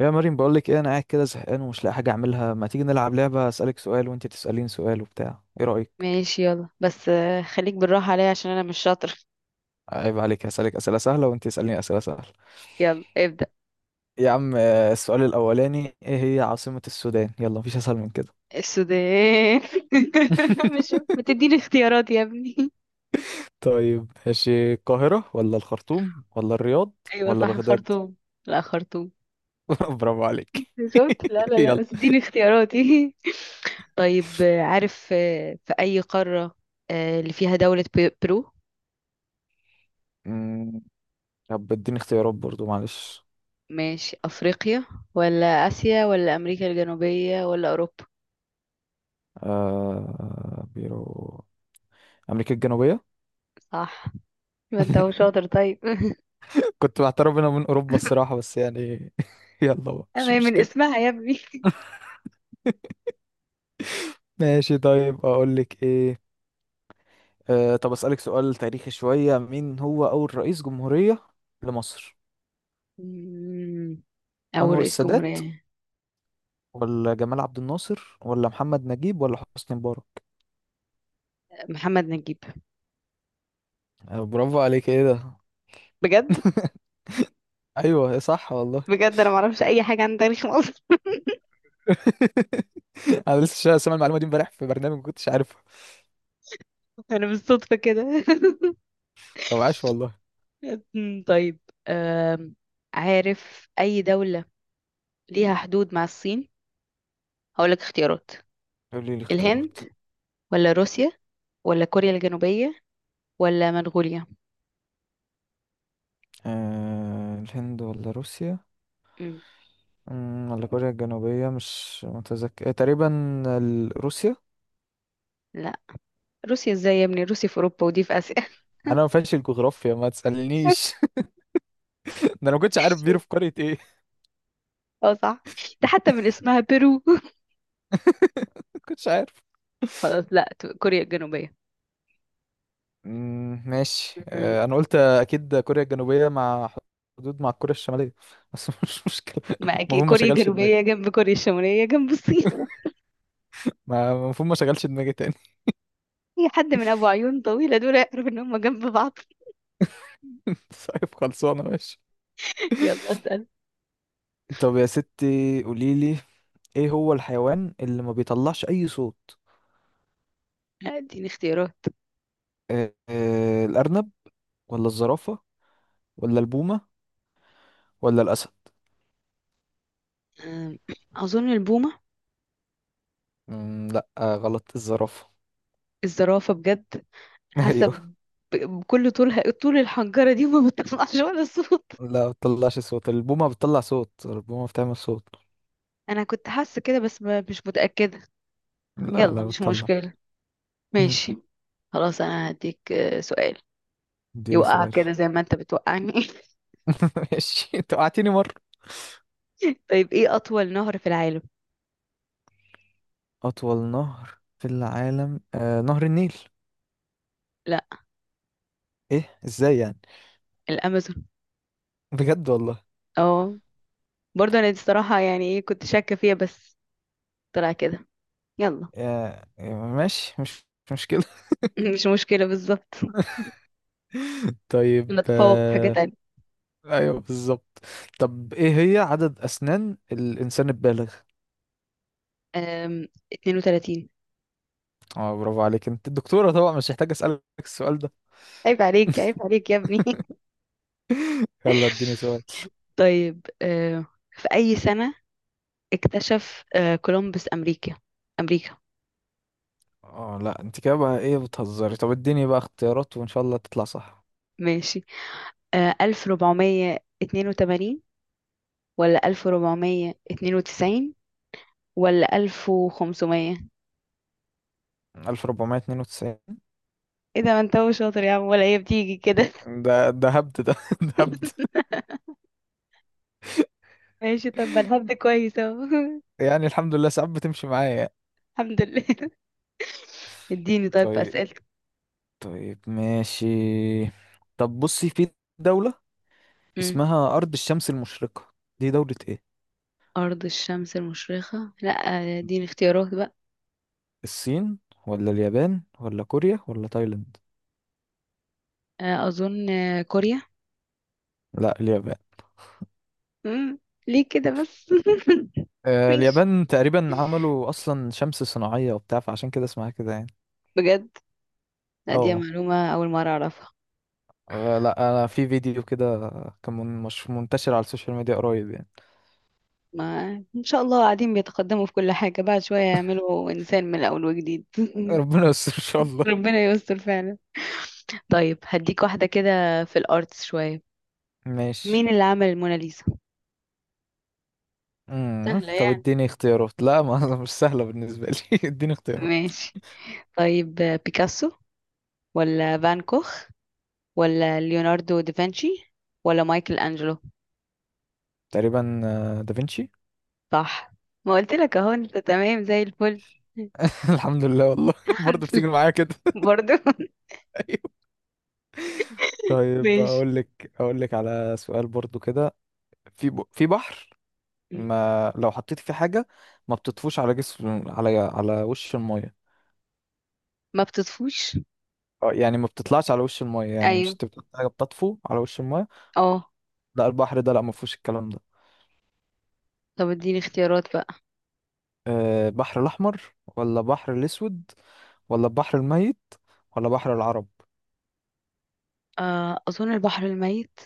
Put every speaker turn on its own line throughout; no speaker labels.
يا مريم، بقول لك ايه، انا قاعد كده زهقان ومش لاقي حاجه اعملها. ما تيجي نلعب لعبه، اسالك سؤال وانت تساليني سؤال وبتاع، ايه رايك؟
ماشي، يلا بس خليك بالراحة عليا عشان أنا مش شاطر.
عيب عليك، هسالك اسئله سهله وانت تساليني اسئله سهله.
يلا ابدأ.
يا عم، السؤال الاولاني، ايه هي عاصمه السودان؟ يلا، مفيش اسهل من كده.
السودان. مش، ما تديني اختيارات يا ابني؟
طيب، ماشي. القاهره ولا الخرطوم ولا الرياض
أيوة
ولا
صح،
بغداد؟
الخرطوم. لا، خرطوم.
برافو عليك.
شفت؟ لا لا لا،
يلا.
بس اديني اختياراتي. طيب، عارف، في أي قارة اللي فيها دولة برو؟
أمم، طب اديني اختيارات برضو، معلش.
ماشي، أفريقيا ولا آسيا ولا أمريكا الجنوبية ولا أوروبا؟
بيرو، امريكا الجنوبيه.
صح. ما انت هو شاطر، طيب.
كنت بعترف انا من اوروبا الصراحه، بس يعني. يلا بقى،
أما
مش
هي من
مشكله.
اسمها يا ابني.
ماشي، طيب. اقول لك ايه. طب اسالك سؤال تاريخي شويه، مين هو اول رئيس جمهوريه لمصر؟
مم، أول
انور
رئيس
السادات
جمهورية؟
ولا جمال عبد الناصر ولا محمد نجيب ولا حسني مبارك؟
محمد نجيب.
برافو عليك. ايه ده؟
بجد؟
ايوه، صح والله.
بجد انا ما اعرفش اي حاجه عن تاريخ مصر.
انا لسه سامع المعلومه دي امبارح في برنامج، ما كنتش عارفها.
انا بالصدفه كده.
او، عاش والله.
طيب. أم، عارف اي دوله ليها حدود مع الصين؟ هقولك اختيارات:
قولي لي الاختيارات.
الهند، ولا روسيا، ولا كوريا الجنوبيه، ولا منغوليا.
الهند ولا روسيا؟
أمم،
ولا كوريا الجنوبية؟ مش متذكر، إيه، تقريبا روسيا.
لا، روسيا ازاي يا ابني؟ روسيا في اوروبا، ودي في اسيا.
انا ما فاهمش الجغرافيا، ما تسألنيش. ده انا ما كنتش عارف بيرو في قرية ايه.
اه صح، ده حتى من اسمها بيرو.
ما كنتش عارف.
خلاص، لا، كوريا الجنوبيه.
ماشي.
أمم،
انا قلت اكيد كوريا الجنوبية مع، حدود مع كوريا الشمالية. بس مش مشكلة.
ما
المفروض
اكيد
ما
كوريا
شغلش دماغي.
الجنوبيه جنب كوريا الشماليه جنب الصين.
المفروض ما شغلش دماغي تاني.
اي حد من ابو عيون طويله دول يعرف ان هم جنب بعض.
طيب، خلصانة. ماشي.
يلا اسأل.
طب يا ستي، قوليلي، ايه هو الحيوان اللي ما بيطلعش اي صوت؟
اديني اختيارات.
الارنب ولا الزرافة ولا البومة ولا الأسد؟
أم، اظن البومه.
لا، غلط. الزرافة.
الزرافه؟ بجد؟ حاسه
أيوه.
بكل طولها، طول الحنجره دي، وما بتطلعش ولا صوت.
لا، ما بتطلعش صوت. البومة بتطلع صوت. البومة بتعمل صوت.
انا كنت حاسه كده بس مش متاكده.
لا،
يلا،
لا
مش
بتطلع.
مشكله.
مم.
ماشي. خلاص انا هديك سؤال
اديني
يوقعك
سؤال.
كده زي ما انت بتوقعني.
ماشي، انت وقعتني مرة.
طيب، ايه اطول نهر في العالم؟
أطول نهر في العالم؟ نهر النيل.
لا،
إيه، إزاي يعني؟
الامازون.
بجد والله؟
اه، برضه انا دي الصراحه، يعني ايه، كنت شاكه فيها بس طلع كده. يلا،
آه ماشي. مش مشكلة.
مش مشكلة، بالظبط،
طيب.
نتفوق في حاجة تانية.
أيوه، بالظبط. طب إيه هي عدد أسنان الإنسان البالغ؟
32.
اه، برافو عليك، انت الدكتورة طبعا، مش محتاج أسألك السؤال ده.
عيب عليك، عيب عليك يا ابني.
يلا، اديني سؤال.
طيب في أي سنة اكتشف كولومبوس أمريكا؟ أمريكا.
اه، لا انت كده بقى، ايه بتهزري؟ طب اديني بقى اختيارات، وان شاء الله تطلع صح.
ماشي، 1482 ولا 1492 ولا 1500؟
1492.
ايه ده، ما انت هو شاطر يا عم، ولا هي بتيجي كده؟
ده هبد ده. ده هبد.
ماشي، طب ما الهبد كويس اهو.
يعني الحمد لله، ساعات بتمشي معايا.
الحمد لله. اديني طيب في
طيب.
أسئلتك.
طيب، ماشي. طب بصي، في دولة اسمها أرض الشمس المشرقة، دي دولة ايه؟
أرض الشمس المشرقة؟ لا، دي اختيارات بقى.
الصين ولا اليابان ولا كوريا ولا تايلاند؟
أظن كوريا.
لا، اليابان.
مم. ليه كده بس؟ ماشي.
اليابان تقريبا عملوا أصلا شمس صناعية وبتاع، فعشان كده اسمها كده يعني.
بجد؟ لا، دي
اه.
معلومة أول مرة أعرفها.
لا انا في فيديو كده، كان مش منتشر على السوشيال ميديا قريب يعني.
ما إن شاء الله قاعدين بيتقدموا في كل حاجة، بعد شوية يعملوا إنسان من الأول وجديد.
ربنا يستر ان شاء الله.
ربنا يستر فعلا. طيب هديك واحدة كده في الأرتس شوية.
ماشي.
مين اللي عمل الموناليزا؟ سهلة
طب
يعني؟
اديني اختيارات. لا، ما مش سهله بالنسبه لي. اديني اختيارات.
ماشي. طيب، بيكاسو، ولا فان كوخ، ولا ليوناردو دافنشي، ولا مايكل أنجلو؟
تقريبا، دافنشي.
صح. ما قلت لك اهو، انت تمام زي الفل.
الحمد لله والله.
الحمد
برضه بتيجي
لله
معايا كده.
برضو.
ايوه. طيب،
ماشي.
اقول لك على سؤال برضه كده. في بحر، ما لو حطيت فيه حاجه، ما بتطفوش على جسم، على وش الميه.
ما بتطفوش؟
يعني ما بتطلعش على وش الميه. يعني مش
ايوه.
انت بتحط حاجه بتطفو على وش الميه؟
اه،
لا، البحر ده لا، ما فيهوش الكلام ده.
طب اديني اختيارات بقى.
بحر الأحمر ولا بحر الأسود ولا البحر الميت ولا بحر العرب؟
اظن البحر الميت.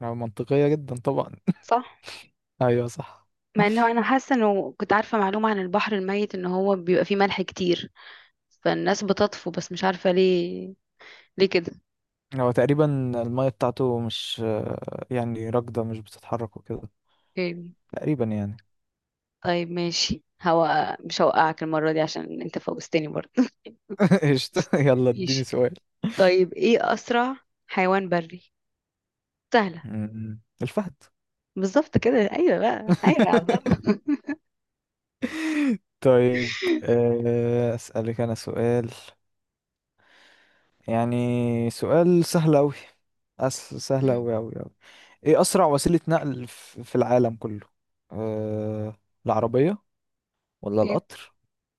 يعني منطقية جدا طبعا.
صح.
أيوة، صح.
مع انه انا حاسه انه كنت عارفه معلومه عن البحر الميت ان هو بيبقى فيه ملح كتير، فالناس بتطفو، بس مش عارفه ليه. ليه كده؟
هو تقريبا المية بتاعته مش يعني راكدة، مش بتتحرك وكده.
اوكي.
تقريبا يعني.
طيب ماشي، هو مش هوقعك المره دي عشان انت فوزتني برضه.
قشطة، يلا اديني
ماشي.
سؤال.
طيب ايه اسرع حيوان بري؟ سهله.
م- الفهد.
بالظبط كده، أيوة بقى، أيوة يا عبد.
طيب، أسألك أنا سؤال، يعني سؤال سهل أوي. سهل
مم.
أوي أوي أوي. إيه أسرع وسيلة نقل في العالم كله؟ أه... العربية ولا
هي-
القطر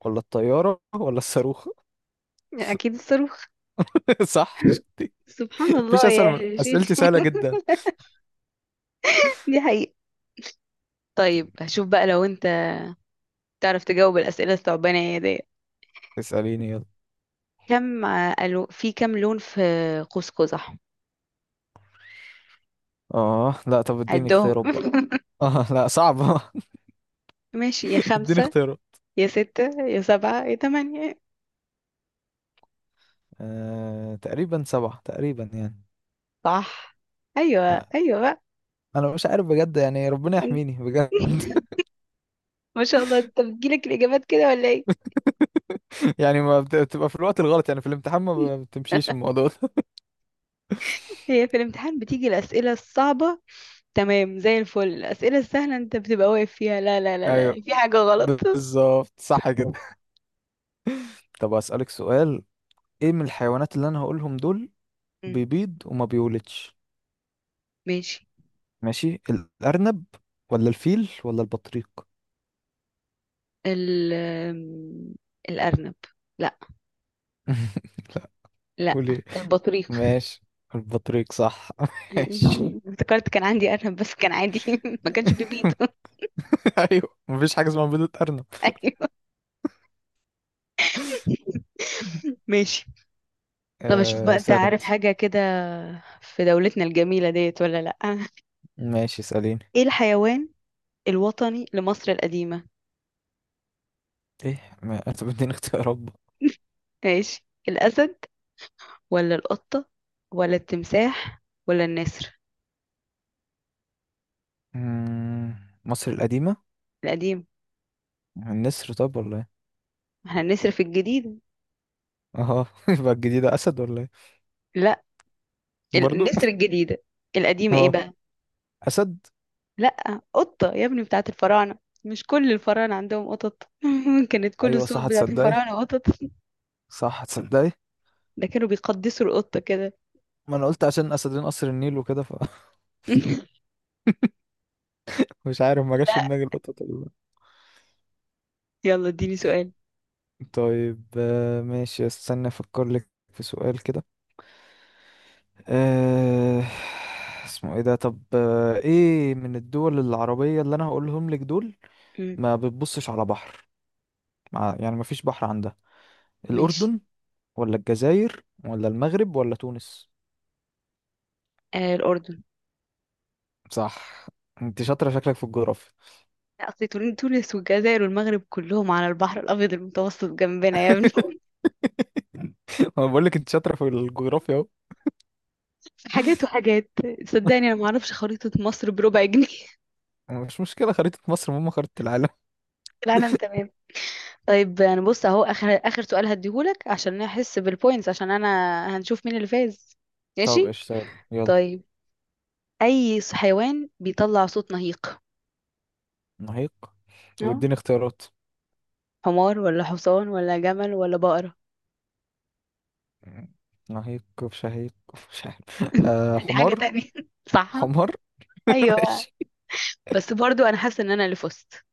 ولا الطيارة ولا الصاروخ؟
أكيد الصاروخ.
صح، شفتي؟
سبحان
مفيش
الله
أسهل من
يا شيخ.
أسئلتي، سهلة جدا.
دي حقيقة. طيب هشوف بقى لو أنت تعرف تجاوب الأسئلة الثعبانة دي.
اسأليني، يلا.
في كم لون في قوس قزح؟
لا، طب اديني
عدهم.
اختيارات بقى. لا، صعبة.
ماشي، يا
اديني
خمسة،
اختيارات.
يا ستة، يا سبعة، يا تمانية.
تقريبا سبعة، تقريبا يعني.
صح. أيوة
لا،
أيوة بقى.
أنا مش عارف بجد يعني، ربنا
أنت-
يحميني بجد.
ما شاء الله، أنت بتجيلك الإجابات كده ولا إيه؟
يعني ما بت- بتبقى في الوقت الغلط، يعني في الامتحان ما بتمشيش الموضوع ده.
هي في الامتحان بتيجي الأسئلة الصعبة تمام زي الفل، الأسئلة السهلة انت بتبقى واقف فيها، لا لا لا
ايوه،
لا، في حاجة غلط.
بالظبط، صح كده. طب اسالك سؤال. ايه من الحيوانات اللي انا هقولهم دول
مم.
بيبيض وما بيولدش؟
ماشي.
ماشي، الارنب ولا الفيل ولا البطريق؟
ال آم، الأرنب؟ لا،
لا.
لا،
قول ايه.
البطريق.
ماشي، البطريق صح. ماشي.
افتكرت كان عندي أرنب بس كان عادي. ما كانش بيبيض.
ايوه، مفيش حاجه اسمها بيضة ارنب.
أيوه. ماشي. طب أشوف بقى أنت
اسال
عارف
انت.
حاجة كده في دولتنا الجميلة ديت ولا لأ.
ماشي، اساليني.
إيه الحيوان الوطني لمصر القديمة؟
ايه، ما انت بدين اختيارات بقى.
ماشي، الأسد، ولا القطة، ولا التمساح، ولا النسر؟
مم، مصر القديمه.
القديمة؟
النسر، طب ولا ايه؟
ما احنا النسر في الجديدة.
اه. يبقى الجديدة اسد، ولا ايه؟
لا،
برضو.
النسر الجديدة. القديمة ايه
اه،
بقى؟
اسد.
لا، قطة يا ابني، بتاعت الفراعنة. مش كل الفراعنة عندهم قطط؟ كانت كل
ايوه صح،
الصور بتاعت
هتصدقي.
الفراعنة قطط،
صح، هتصدقي.
ده كانوا بيقدسوا القطة كده.
ما انا قلت عشان اسدين قصر النيل وكده، فمش عارف، ما جاش في
لا.
دماغي القطط ولا لأ.
يلا اديني سؤال.
طيب. ماشي، استنى افكر لك في سؤال كده. آه، اسمه ايه ده. طب ايه من الدول العربية اللي انا هقولهم لك دول،
مم،
ما بتبصش على بحر، يعني ما فيش بحر عندها.
ماشي.
الاردن ولا الجزائر ولا المغرب ولا تونس؟
الأردن.
صح. انت شاطرة شكلك في الجغرافيا.
لا، أصل تونس والجزائر والمغرب كلهم على البحر الأبيض المتوسط جنبنا يا ابني.
انا بقول لك انت شاطرة في الجغرافيا.
حاجات وحاجات، صدقني أنا معرفش خريطة مصر بربع جنيه.
اهو، مش مشكلة، خريطة مصر مهمة، خريطة العالم.
العالم تمام. طيب يعني بص اهو، اخر اخر سؤال هديهولك عشان نحس بالبوينتس، عشان انا هنشوف مين اللي فاز.
طب
ماشي.
اشتغل، يلا.
طيب اي حيوان بيطلع صوت نهيق؟
نهيق.
اه،
واديني اختيارات.
حمار ولا حصان ولا جمل ولا بقرة؟
نهيق في، شهيق في، مش عارف.
دي حاجة
حمار.
تانية. صح.
حمار.
ايوه بقى.
ماشي.
بس برضو انا حاسة ان انا اللي فزت.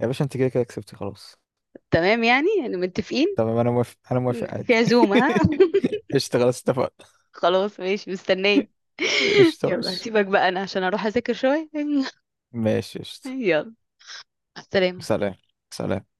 يا باشا، انت كده كده كسبتي خلاص.
تمام، يعني متفقين.
تمام، انا موافق انا موافق
في
عادي.
عزومة ها؟
قشطة، خلاص اتفقنا.
خلاص ماشي، مستنية.
قشطة،
يلا
ماشي.
هسيبك بقى، انا عشان اروح اذاكر شوية.
ماشي، قشطة.
يلا، مع السلامة.
سلام. سلام.